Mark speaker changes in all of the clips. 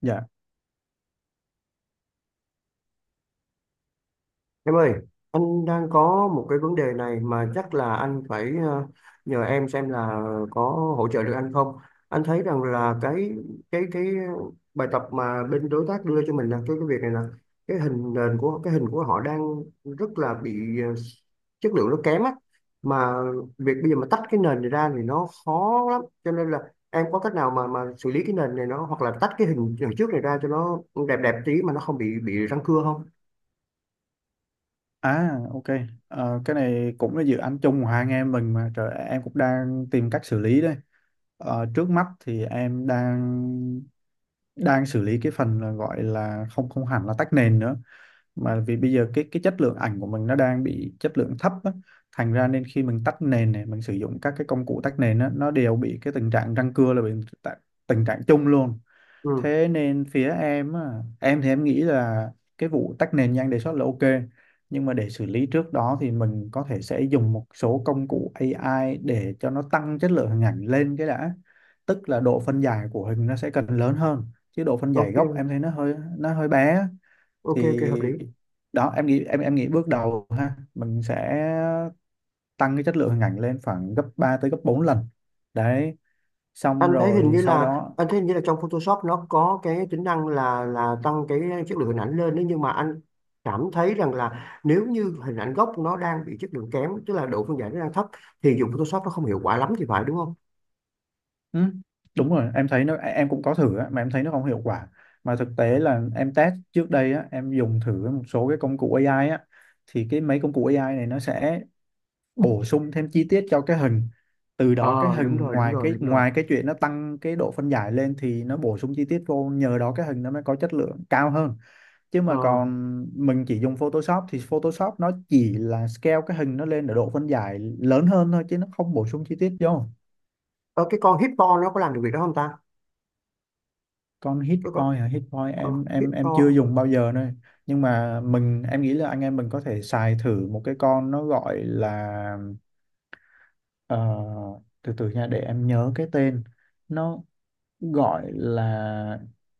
Speaker 1: Dạ.
Speaker 2: Em ơi, anh đang có một cái vấn đề này mà chắc là anh phải nhờ em xem là có hỗ trợ được anh không. Anh thấy rằng là cái bài tập mà bên đối tác đưa cho mình là cái việc này là cái hình nền của cái hình của họ đang rất là bị chất lượng nó kém á. Mà việc bây giờ mà tách cái nền này ra thì nó khó lắm. Cho nên là em có cách nào mà xử lý cái nền này nó hoặc là tách cái hình, hình trước này ra cho nó đẹp đẹp tí mà nó không bị răng cưa không?
Speaker 1: À, ok. Ờ, cái này cũng là dự án chung của hai anh em mình mà trời, em cũng đang tìm cách xử lý đây. Trước mắt thì em đang đang xử lý cái phần là gọi là không, không hẳn là tách nền nữa, mà vì bây giờ cái chất lượng ảnh của mình nó đang bị chất lượng thấp á. Thành ra nên khi mình tách nền này, mình sử dụng các cái công cụ tách nền á, nó đều bị cái tình trạng răng cưa, là bị tạ- tình trạng chung luôn.
Speaker 2: Ừ,
Speaker 1: Thế nên phía em á, em thì em nghĩ là cái vụ tách nền như anh đề xuất là ok, nhưng mà để xử lý trước đó thì mình có thể sẽ dùng một số công cụ AI để cho nó tăng chất lượng hình ảnh lên cái đã. Tức là độ phân giải của hình nó sẽ cần lớn hơn, chứ độ phân giải gốc em
Speaker 2: ok.
Speaker 1: thấy nó hơi bé á.
Speaker 2: Ok, hợp lý.
Speaker 1: Thì đó, em nghĩ, em nghĩ bước đầu ha, mình sẽ tăng cái chất lượng hình ảnh lên khoảng gấp 3 tới gấp 4 lần đấy, xong rồi sau đó.
Speaker 2: Anh thấy hình như là trong Photoshop nó có cái tính năng là tăng cái chất lượng hình ảnh lên đấy, nhưng mà anh cảm thấy rằng là nếu như hình ảnh gốc nó đang bị chất lượng kém, tức là độ phân giải nó đang thấp thì dùng Photoshop nó không hiệu quả lắm thì phải, đúng không?
Speaker 1: Ừ, đúng rồi, em thấy nó, em cũng có thử á, mà em thấy nó không hiệu quả. Mà thực tế là em test trước đây á, em dùng thử một số cái công cụ AI á, thì cái mấy công cụ AI này nó sẽ bổ sung thêm chi tiết cho cái hình, từ đó cái
Speaker 2: ờ đúng
Speaker 1: hình,
Speaker 2: rồi đúng
Speaker 1: ngoài
Speaker 2: rồi
Speaker 1: cái
Speaker 2: đúng rồi.
Speaker 1: ngoài cái chuyện nó tăng cái độ phân giải lên thì nó bổ sung chi tiết vô, nhờ đó cái hình nó mới có chất lượng cao hơn. Chứ mà
Speaker 2: ờ,
Speaker 1: còn mình chỉ dùng Photoshop thì Photoshop nó chỉ là scale cái hình nó lên ở độ phân giải lớn hơn thôi, chứ nó không bổ sung chi tiết vô.
Speaker 2: ờ, cái con Hippo nó có làm được việc đó không ta?
Speaker 1: Con hit
Speaker 2: Cái con
Speaker 1: boy hả? Hit boy
Speaker 2: ờ,
Speaker 1: em chưa
Speaker 2: Hippo.
Speaker 1: dùng bao giờ nữa. Nhưng mà mình, em nghĩ là anh em mình có thể xài thử một cái con, nó gọi là ờ, từ từ nha, để em nhớ cái tên. Nó gọi là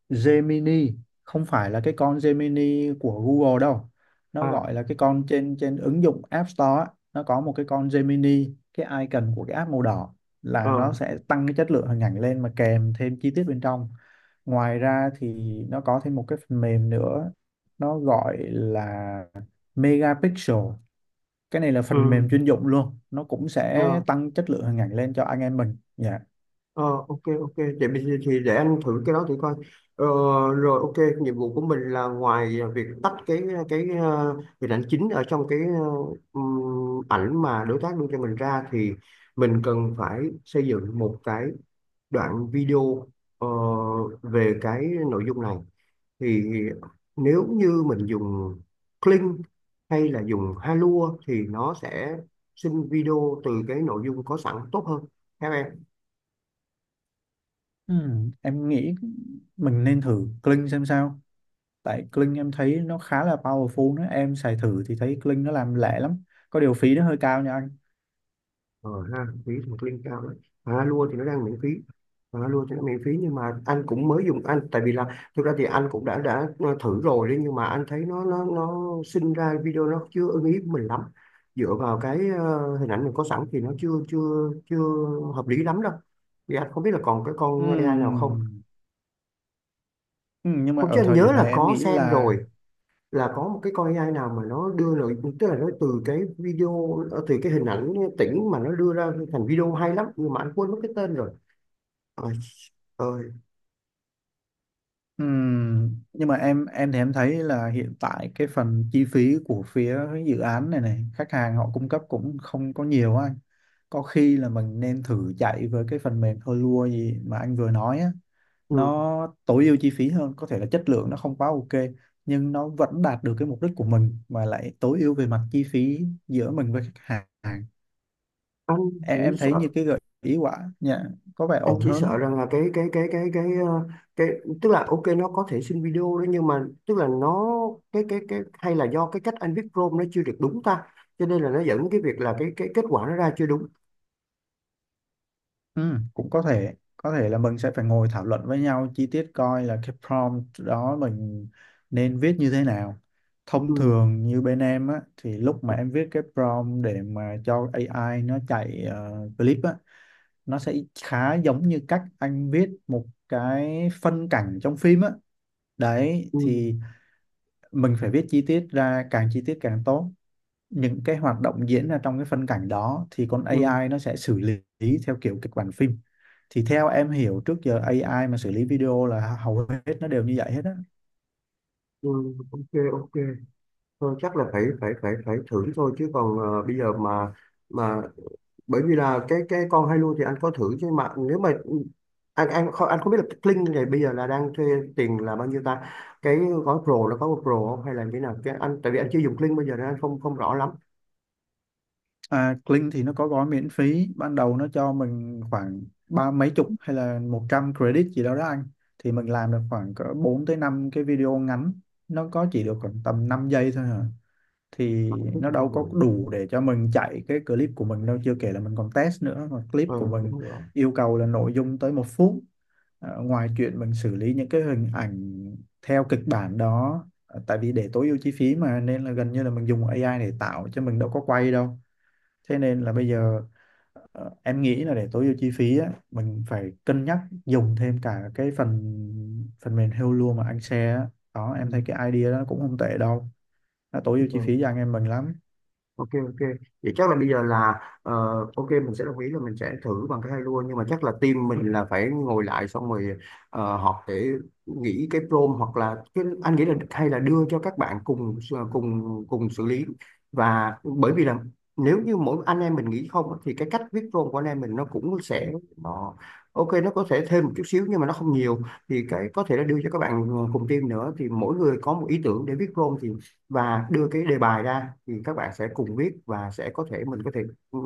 Speaker 1: Gemini, không phải là cái con Gemini của Google đâu. Nó
Speaker 2: à
Speaker 1: gọi là cái con trên, trên ứng dụng App Store á, nó có một cái con Gemini, cái icon của cái app màu đỏ, là
Speaker 2: ờ.
Speaker 1: nó sẽ tăng cái chất lượng hình ảnh lên mà kèm thêm chi tiết bên trong. Ngoài ra thì nó có thêm một cái phần mềm nữa, nó gọi là Megapixel. Cái này là phần
Speaker 2: Ừ.
Speaker 1: mềm chuyên dụng luôn, nó cũng sẽ
Speaker 2: ờ.
Speaker 1: tăng chất lượng hình ảnh lên cho anh em mình. Dạ.
Speaker 2: Ờ. Ok, để mình thì để anh thử cái đó thử coi. ờ, Rồi, ok, nhiệm vụ của mình là ngoài việc tách cái hình ảnh chính ở trong cái ảnh mà đối tác đưa cho mình ra thì mình cần phải xây dựng một cái đoạn video ờ, về cái nội dung này. Thì nếu như mình dùng Kling hay là dùng Halua thì nó sẽ sinh video từ cái nội dung có sẵn tốt hơn. Theo em
Speaker 1: Em nghĩ mình nên thử Kling xem sao. Tại Kling em thấy nó khá là powerful đó, em xài thử thì thấy Kling nó làm lẹ lắm, có điều phí nó hơi cao nha anh.
Speaker 2: ờ ha phí một ly cao đấy. À, lua thì nó đang miễn phí. À, lua thì nó miễn phí nhưng mà anh cũng mới dùng tại vì là thực ra thì anh cũng đã thử rồi đấy, nhưng mà anh thấy nó sinh ra video nó chưa ưng ý mình lắm. Dựa vào cái hình ảnh mình có sẵn thì nó chưa chưa chưa hợp lý lắm đâu. Thì anh không biết là còn cái con AI nào không?
Speaker 1: Ừm, nhưng mà
Speaker 2: Không, chứ
Speaker 1: ở
Speaker 2: anh
Speaker 1: thời
Speaker 2: nhớ
Speaker 1: điểm này
Speaker 2: là
Speaker 1: em
Speaker 2: có
Speaker 1: nghĩ
Speaker 2: xem
Speaker 1: là
Speaker 2: rồi, là có một cái con AI nào mà nó đưa nội, tức là nó từ cái video từ cái hình ảnh tĩnh mà nó đưa ra thành video hay lắm, nhưng mà anh quên mất cái tên rồi. Ôi ơi.
Speaker 1: nhưng mà em thì em thấy là hiện tại cái phần chi phí của phía dự án này này khách hàng họ cung cấp cũng không có nhiều á anh. Có khi là mình nên thử chạy với cái phần mềm Helua gì mà anh vừa nói á,
Speaker 2: Ừ.
Speaker 1: nó tối ưu chi phí hơn, có thể là chất lượng nó không quá ok, nhưng nó vẫn đạt được cái mục đích của mình, mà lại tối ưu về mặt chi phí giữa mình với khách hàng.
Speaker 2: anh chỉ
Speaker 1: Em thấy như
Speaker 2: sợ
Speaker 1: cái gợi ý quả nhà có vẻ
Speaker 2: anh
Speaker 1: ổn
Speaker 2: chỉ
Speaker 1: hơn á.
Speaker 2: sợ rằng là cái tức là ok nó có thể xin video đó, nhưng mà tức là nó cái hay là do cái cách anh viết prompt nó chưa được đúng ta, cho nên là nó dẫn đến cái việc là cái kết quả nó ra chưa đúng.
Speaker 1: Ừ, cũng có thể là mình sẽ phải ngồi thảo luận với nhau chi tiết coi là cái prompt đó mình nên viết như thế nào. Thông
Speaker 2: ừ
Speaker 1: thường như bên em á, thì lúc mà em viết cái prompt để mà cho AI nó chạy clip á, nó sẽ khá giống như cách anh viết một cái phân cảnh trong phim á. Đấy
Speaker 2: ừ
Speaker 1: thì mình phải viết chi tiết ra, càng chi tiết càng tốt, những cái hoạt động diễn ra trong cái phân cảnh đó thì con
Speaker 2: ừ
Speaker 1: AI nó sẽ xử lý theo kiểu kịch bản phim. Thì theo em hiểu, trước giờ AI mà xử lý video là hầu hết nó đều như vậy hết á.
Speaker 2: ừ. Ok. ok Thôi chắc là phải phải phải phải thử thôi, chứ còn bây giờ mà mà bởi vì là cái con Halo thì anh có thử. Chứ mà nếu mà anh không biết là cái Kling này bây giờ là đang thuê tiền là bao nhiêu ta. Cái gói Pro nó có Pro không, hay là như thế nào cái anh, tại vì anh chưa dùng Kling bây giờ nên anh không không rõ lắm.
Speaker 1: À, Kling thì nó có gói miễn phí ban đầu, nó cho mình khoảng ba mấy chục hay là 100 credit gì đó đó anh, thì mình làm được khoảng cỡ 4 tới 5 cái video ngắn. Nó có chỉ được khoảng tầm 5 giây thôi hả? Thì
Speaker 2: Mà anh thích
Speaker 1: nó
Speaker 2: thì
Speaker 1: đâu
Speaker 2: không
Speaker 1: có
Speaker 2: đủ.
Speaker 1: đủ để cho mình chạy cái clip của mình đâu, chưa kể là mình còn test nữa, mà clip
Speaker 2: Ờ
Speaker 1: của mình
Speaker 2: đúng rồi.
Speaker 1: yêu cầu là nội dung tới 1 phút. Ờ, ngoài chuyện mình xử lý những cái hình ảnh theo kịch bản đó, tại vì để tối ưu chi phí mà, nên là gần như là mình dùng AI để tạo chứ mình đâu có quay đâu. Thế nên là bây giờ em nghĩ là để tối ưu chi phí á, mình phải cân nhắc dùng thêm cả cái phần phần mềm Hello mà anh share á. Đó,
Speaker 2: Ừ.
Speaker 1: em thấy cái idea đó cũng không tệ đâu, nó tối ưu
Speaker 2: Đúng
Speaker 1: chi
Speaker 2: rồi.
Speaker 1: phí cho anh em mình lắm.
Speaker 2: Ok, vậy chắc là bây giờ là ok mình sẽ đồng ý là mình sẽ thử bằng cái hai lua, nhưng mà chắc là team mình là phải ngồi lại xong rồi họp để nghĩ cái prompt. Hoặc là cái, anh nghĩ là hay là đưa cho các bạn cùng ờ, cùng cùng xử lý. Và bởi vì là nếu như mỗi anh em mình nghĩ không á, thì cái cách viết prompt của anh em mình nó cũng sẽ nó ok, nó có thể thêm một chút xíu nhưng mà nó không nhiều. Thì cái có thể là đưa cho các bạn cùng team nữa, thì mỗi người có một ý tưởng để viết prompt thì đưa cái đề bài ra thì các bạn sẽ cùng viết, và sẽ có thể mình có thể ừ,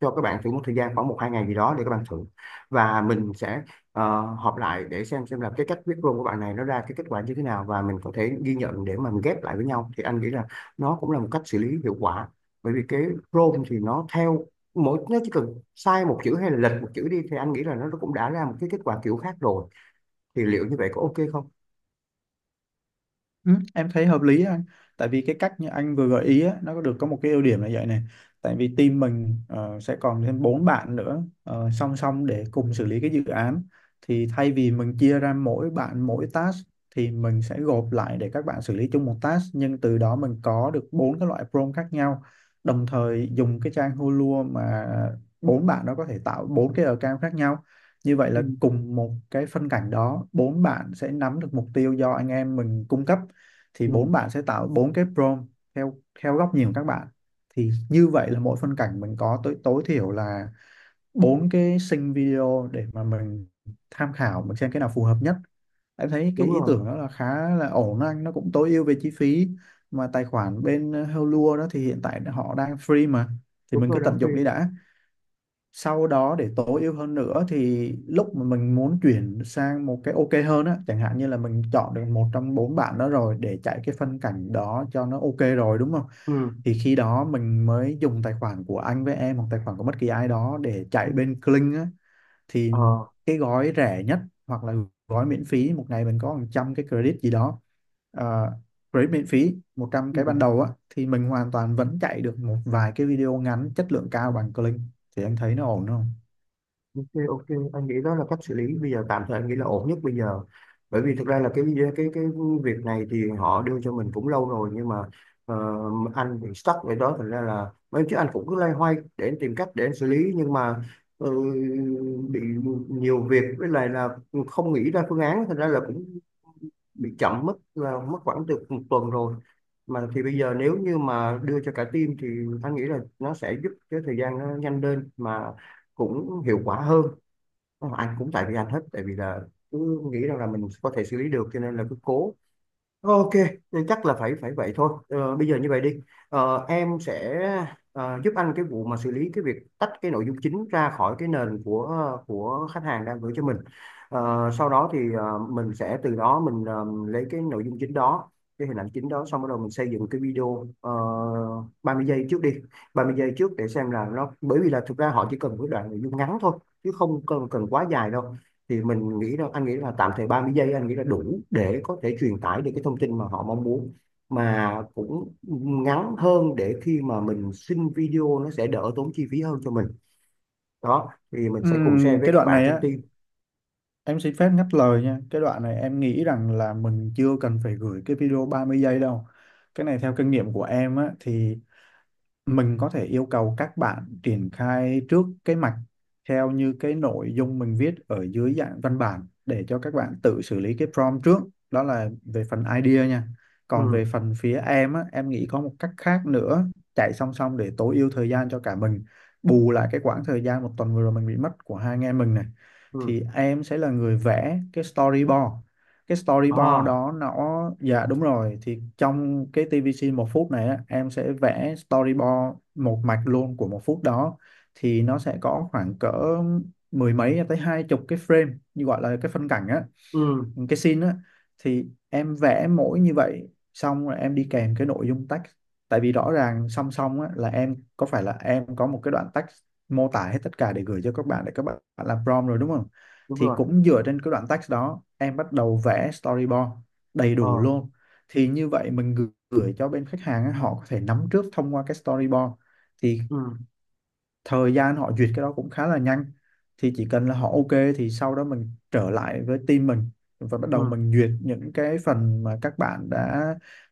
Speaker 2: cho các bạn thử một thời gian khoảng một hai ngày gì đó để các bạn thử. Và mình sẽ họp lại để xem là cái cách viết luôn của bạn này nó ra cái kết quả như thế nào, và mình có thể ghi nhận để mà mình ghép lại với nhau, thì anh nghĩ là nó cũng là một cách xử lý hiệu quả. Bởi vì cái prompt thì nó theo mỗi nó chỉ cần sai một chữ hay là lệch một chữ đi thì anh nghĩ là nó cũng đã ra một cái kết quả kiểu khác rồi. Thì liệu như vậy có ok không?
Speaker 1: Ừ, em thấy hợp lý anh, tại vì cái cách như anh vừa gợi ý á, nó có được có một cái ưu điểm là vậy này. Tại vì team mình sẽ còn thêm bốn bạn nữa, song song để cùng xử lý cái dự án, thì thay vì mình chia ra mỗi bạn mỗi task, thì mình sẽ gộp lại để các bạn xử lý chung một task, nhưng từ đó mình có được bốn cái loại prompt khác nhau. Đồng thời dùng cái trang Hulu mà, bốn bạn đó có thể tạo bốn cái account khác nhau. Như vậy
Speaker 2: Ừ,
Speaker 1: là cùng một cái phân cảnh đó, bốn bạn sẽ nắm được mục tiêu do anh em mình cung cấp, thì
Speaker 2: ừ,
Speaker 1: bốn bạn sẽ tạo bốn cái prompt theo theo góc nhìn của các bạn. Thì như vậy là mỗi phân cảnh mình có tối tối thiểu là bốn cái sync video để mà mình tham khảo, mình xem cái nào phù hợp nhất. Em thấy cái
Speaker 2: đúng
Speaker 1: ý
Speaker 2: rồi,
Speaker 1: tưởng đó là khá là ổn anh, nó cũng tối ưu về chi phí, mà tài khoản bên Helua đó thì hiện tại họ đang free mà, thì
Speaker 2: đúng
Speaker 1: mình
Speaker 2: rồi,
Speaker 1: cứ
Speaker 2: Đăng
Speaker 1: tận
Speaker 2: Phi.
Speaker 1: dụng đi đã. Sau đó để tối ưu hơn nữa thì lúc mà mình muốn chuyển sang một cái ok hơn á, chẳng hạn như là mình chọn được một trong bốn bạn đó rồi để chạy cái phân cảnh đó cho nó ok rồi, đúng không?
Speaker 2: Ừ.
Speaker 1: Thì khi đó mình mới dùng tài khoản của anh với em, hoặc tài khoản của bất kỳ ai đó, để chạy
Speaker 2: Ừ.
Speaker 1: bên Kling á, thì
Speaker 2: Ờ,
Speaker 1: cái gói rẻ nhất hoặc là gói miễn phí một ngày mình có hàng trăm cái credit gì đó. ờ, Credit miễn phí một trăm
Speaker 2: ừ,
Speaker 1: cái ban đầu á, thì mình hoàn toàn vẫn chạy được một vài cái video ngắn chất lượng cao bằng Kling. Thì anh thấy nó ổn không?
Speaker 2: ok, ok, anh nghĩ đó là cách xử lý bây giờ tạm thời, anh nghĩ là ổn nhất bây giờ. Bởi vì thực ra là cái việc này thì họ đưa cho mình cũng lâu rồi, nhưng mà ờ, anh bị stuck ở đó, thành ra là mấy chứ anh cũng cứ loay hoay để anh tìm cách để anh xử lý. Nhưng mà ừ, bị nhiều việc với lại là không nghĩ ra phương án, thành ra là cũng bị chậm mất, là mất khoảng từ một tuần rồi mà. Thì bây giờ nếu như mà đưa cho cả team thì anh nghĩ là nó sẽ giúp cái thời gian nó nhanh lên mà cũng hiệu quả hơn. Ờ, anh cũng tại vì anh hết, tại vì là cứ nghĩ rằng là mình có thể xử lý được cho nên là cứ cố. Ok, nên chắc là phải phải vậy thôi. Ờ, bây giờ như vậy đi. Ờ, em sẽ giúp anh cái vụ mà xử lý cái việc tách cái nội dung chính ra khỏi cái nền của khách hàng đang gửi cho mình. Ờ, sau đó thì mình sẽ từ đó mình lấy cái nội dung chính đó, cái hình ảnh chính đó, xong bắt đầu mình xây dựng cái video 30 giây trước đi, 30 giây trước, để xem là nó, bởi vì là thực ra họ chỉ cần một cái đoạn nội dung ngắn thôi chứ không cần cần quá dài đâu. Thì mình nghĩ là anh nghĩ là tạm thời 30 giây anh nghĩ là đủ để có thể truyền tải được cái thông tin mà họ mong muốn, mà cũng ngắn hơn để khi mà mình xin video nó sẽ đỡ tốn chi phí hơn cho mình. Đó thì mình sẽ cùng share với
Speaker 1: Cái
Speaker 2: các
Speaker 1: đoạn
Speaker 2: bạn
Speaker 1: này
Speaker 2: trong
Speaker 1: á,
Speaker 2: team.
Speaker 1: em xin phép ngắt lời nha. Cái đoạn này em nghĩ rằng là mình chưa cần phải gửi cái video 30 giây đâu. Cái này theo kinh nghiệm của em á, thì mình có thể yêu cầu các bạn triển khai trước cái mạch theo như cái nội dung mình viết ở dưới dạng văn bản, để cho các bạn tự xử lý cái prompt trước. Đó là về phần idea nha.
Speaker 2: Ừ.
Speaker 1: Còn về phần phía em á, em nghĩ có một cách khác nữa, chạy song song để tối ưu thời gian cho cả mình, bù lại cái quãng thời gian 1 tuần vừa rồi mình bị mất của hai anh em mình này.
Speaker 2: Ừ.
Speaker 1: Thì em sẽ là người vẽ cái storyboard. Cái storyboard
Speaker 2: À.
Speaker 1: đó nó, dạ đúng rồi, thì trong cái TVC 1 phút này á, em sẽ vẽ storyboard một mạch luôn của 1 phút đó. Thì nó sẽ có khoảng cỡ mười mấy tới hai chục cái frame, như gọi là cái phân cảnh á,
Speaker 2: Ừ.
Speaker 1: cái scene á. Thì em vẽ mỗi như vậy, xong rồi em đi kèm cái nội dung text. Tại vì rõ ràng song song á, là em có, phải là em có một cái đoạn text mô tả hết tất cả để gửi cho các bạn để các bạn làm prompt rồi đúng không?
Speaker 2: Đúng
Speaker 1: Thì
Speaker 2: rồi.
Speaker 1: cũng dựa trên cái đoạn text đó em bắt đầu vẽ storyboard đầy đủ
Speaker 2: Ờ.
Speaker 1: luôn. Thì như vậy mình gửi gửi cho bên khách hàng á, họ có thể nắm trước thông qua cái storyboard, thì
Speaker 2: Ừ.
Speaker 1: thời gian họ duyệt cái đó cũng khá là nhanh. Thì chỉ cần là họ ok, thì sau đó mình trở lại với team mình, và bắt đầu
Speaker 2: ừ
Speaker 1: mình duyệt những cái phần mà các bạn đã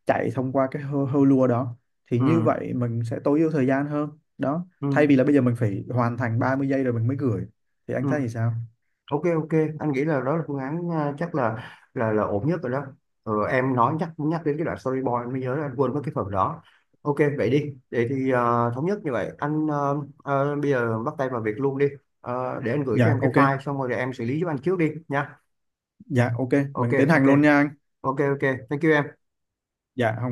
Speaker 1: chạy thông qua cái hơ lua đó. Thì
Speaker 2: ừ
Speaker 1: như vậy mình sẽ tối ưu thời gian hơn. Đó, thay
Speaker 2: ừ
Speaker 1: vì là bây giờ mình phải hoàn thành 30 giây rồi mình mới gửi. Thì anh thấy thì
Speaker 2: ừ.
Speaker 1: sao?
Speaker 2: Ok, anh nghĩ là đó là phương án, à, chắc là ổn nhất rồi đó. Ừ, em nói nhắc nhắc đến cái đoạn storyboard em mới nhớ là anh quên mất cái phần đó. Ok, vậy đi. Vậy thì à, thống nhất như vậy anh. À, à, bây giờ bắt tay vào việc luôn đi. Ờ, để anh gửi cho em
Speaker 1: Dạ
Speaker 2: cái
Speaker 1: ok.
Speaker 2: file xong rồi để em xử lý giúp anh trước đi nha.
Speaker 1: Dạ ok,
Speaker 2: Ok
Speaker 1: mình tiến
Speaker 2: ok
Speaker 1: hành luôn nha anh.
Speaker 2: Ok. Thank you em.
Speaker 1: Dạ không.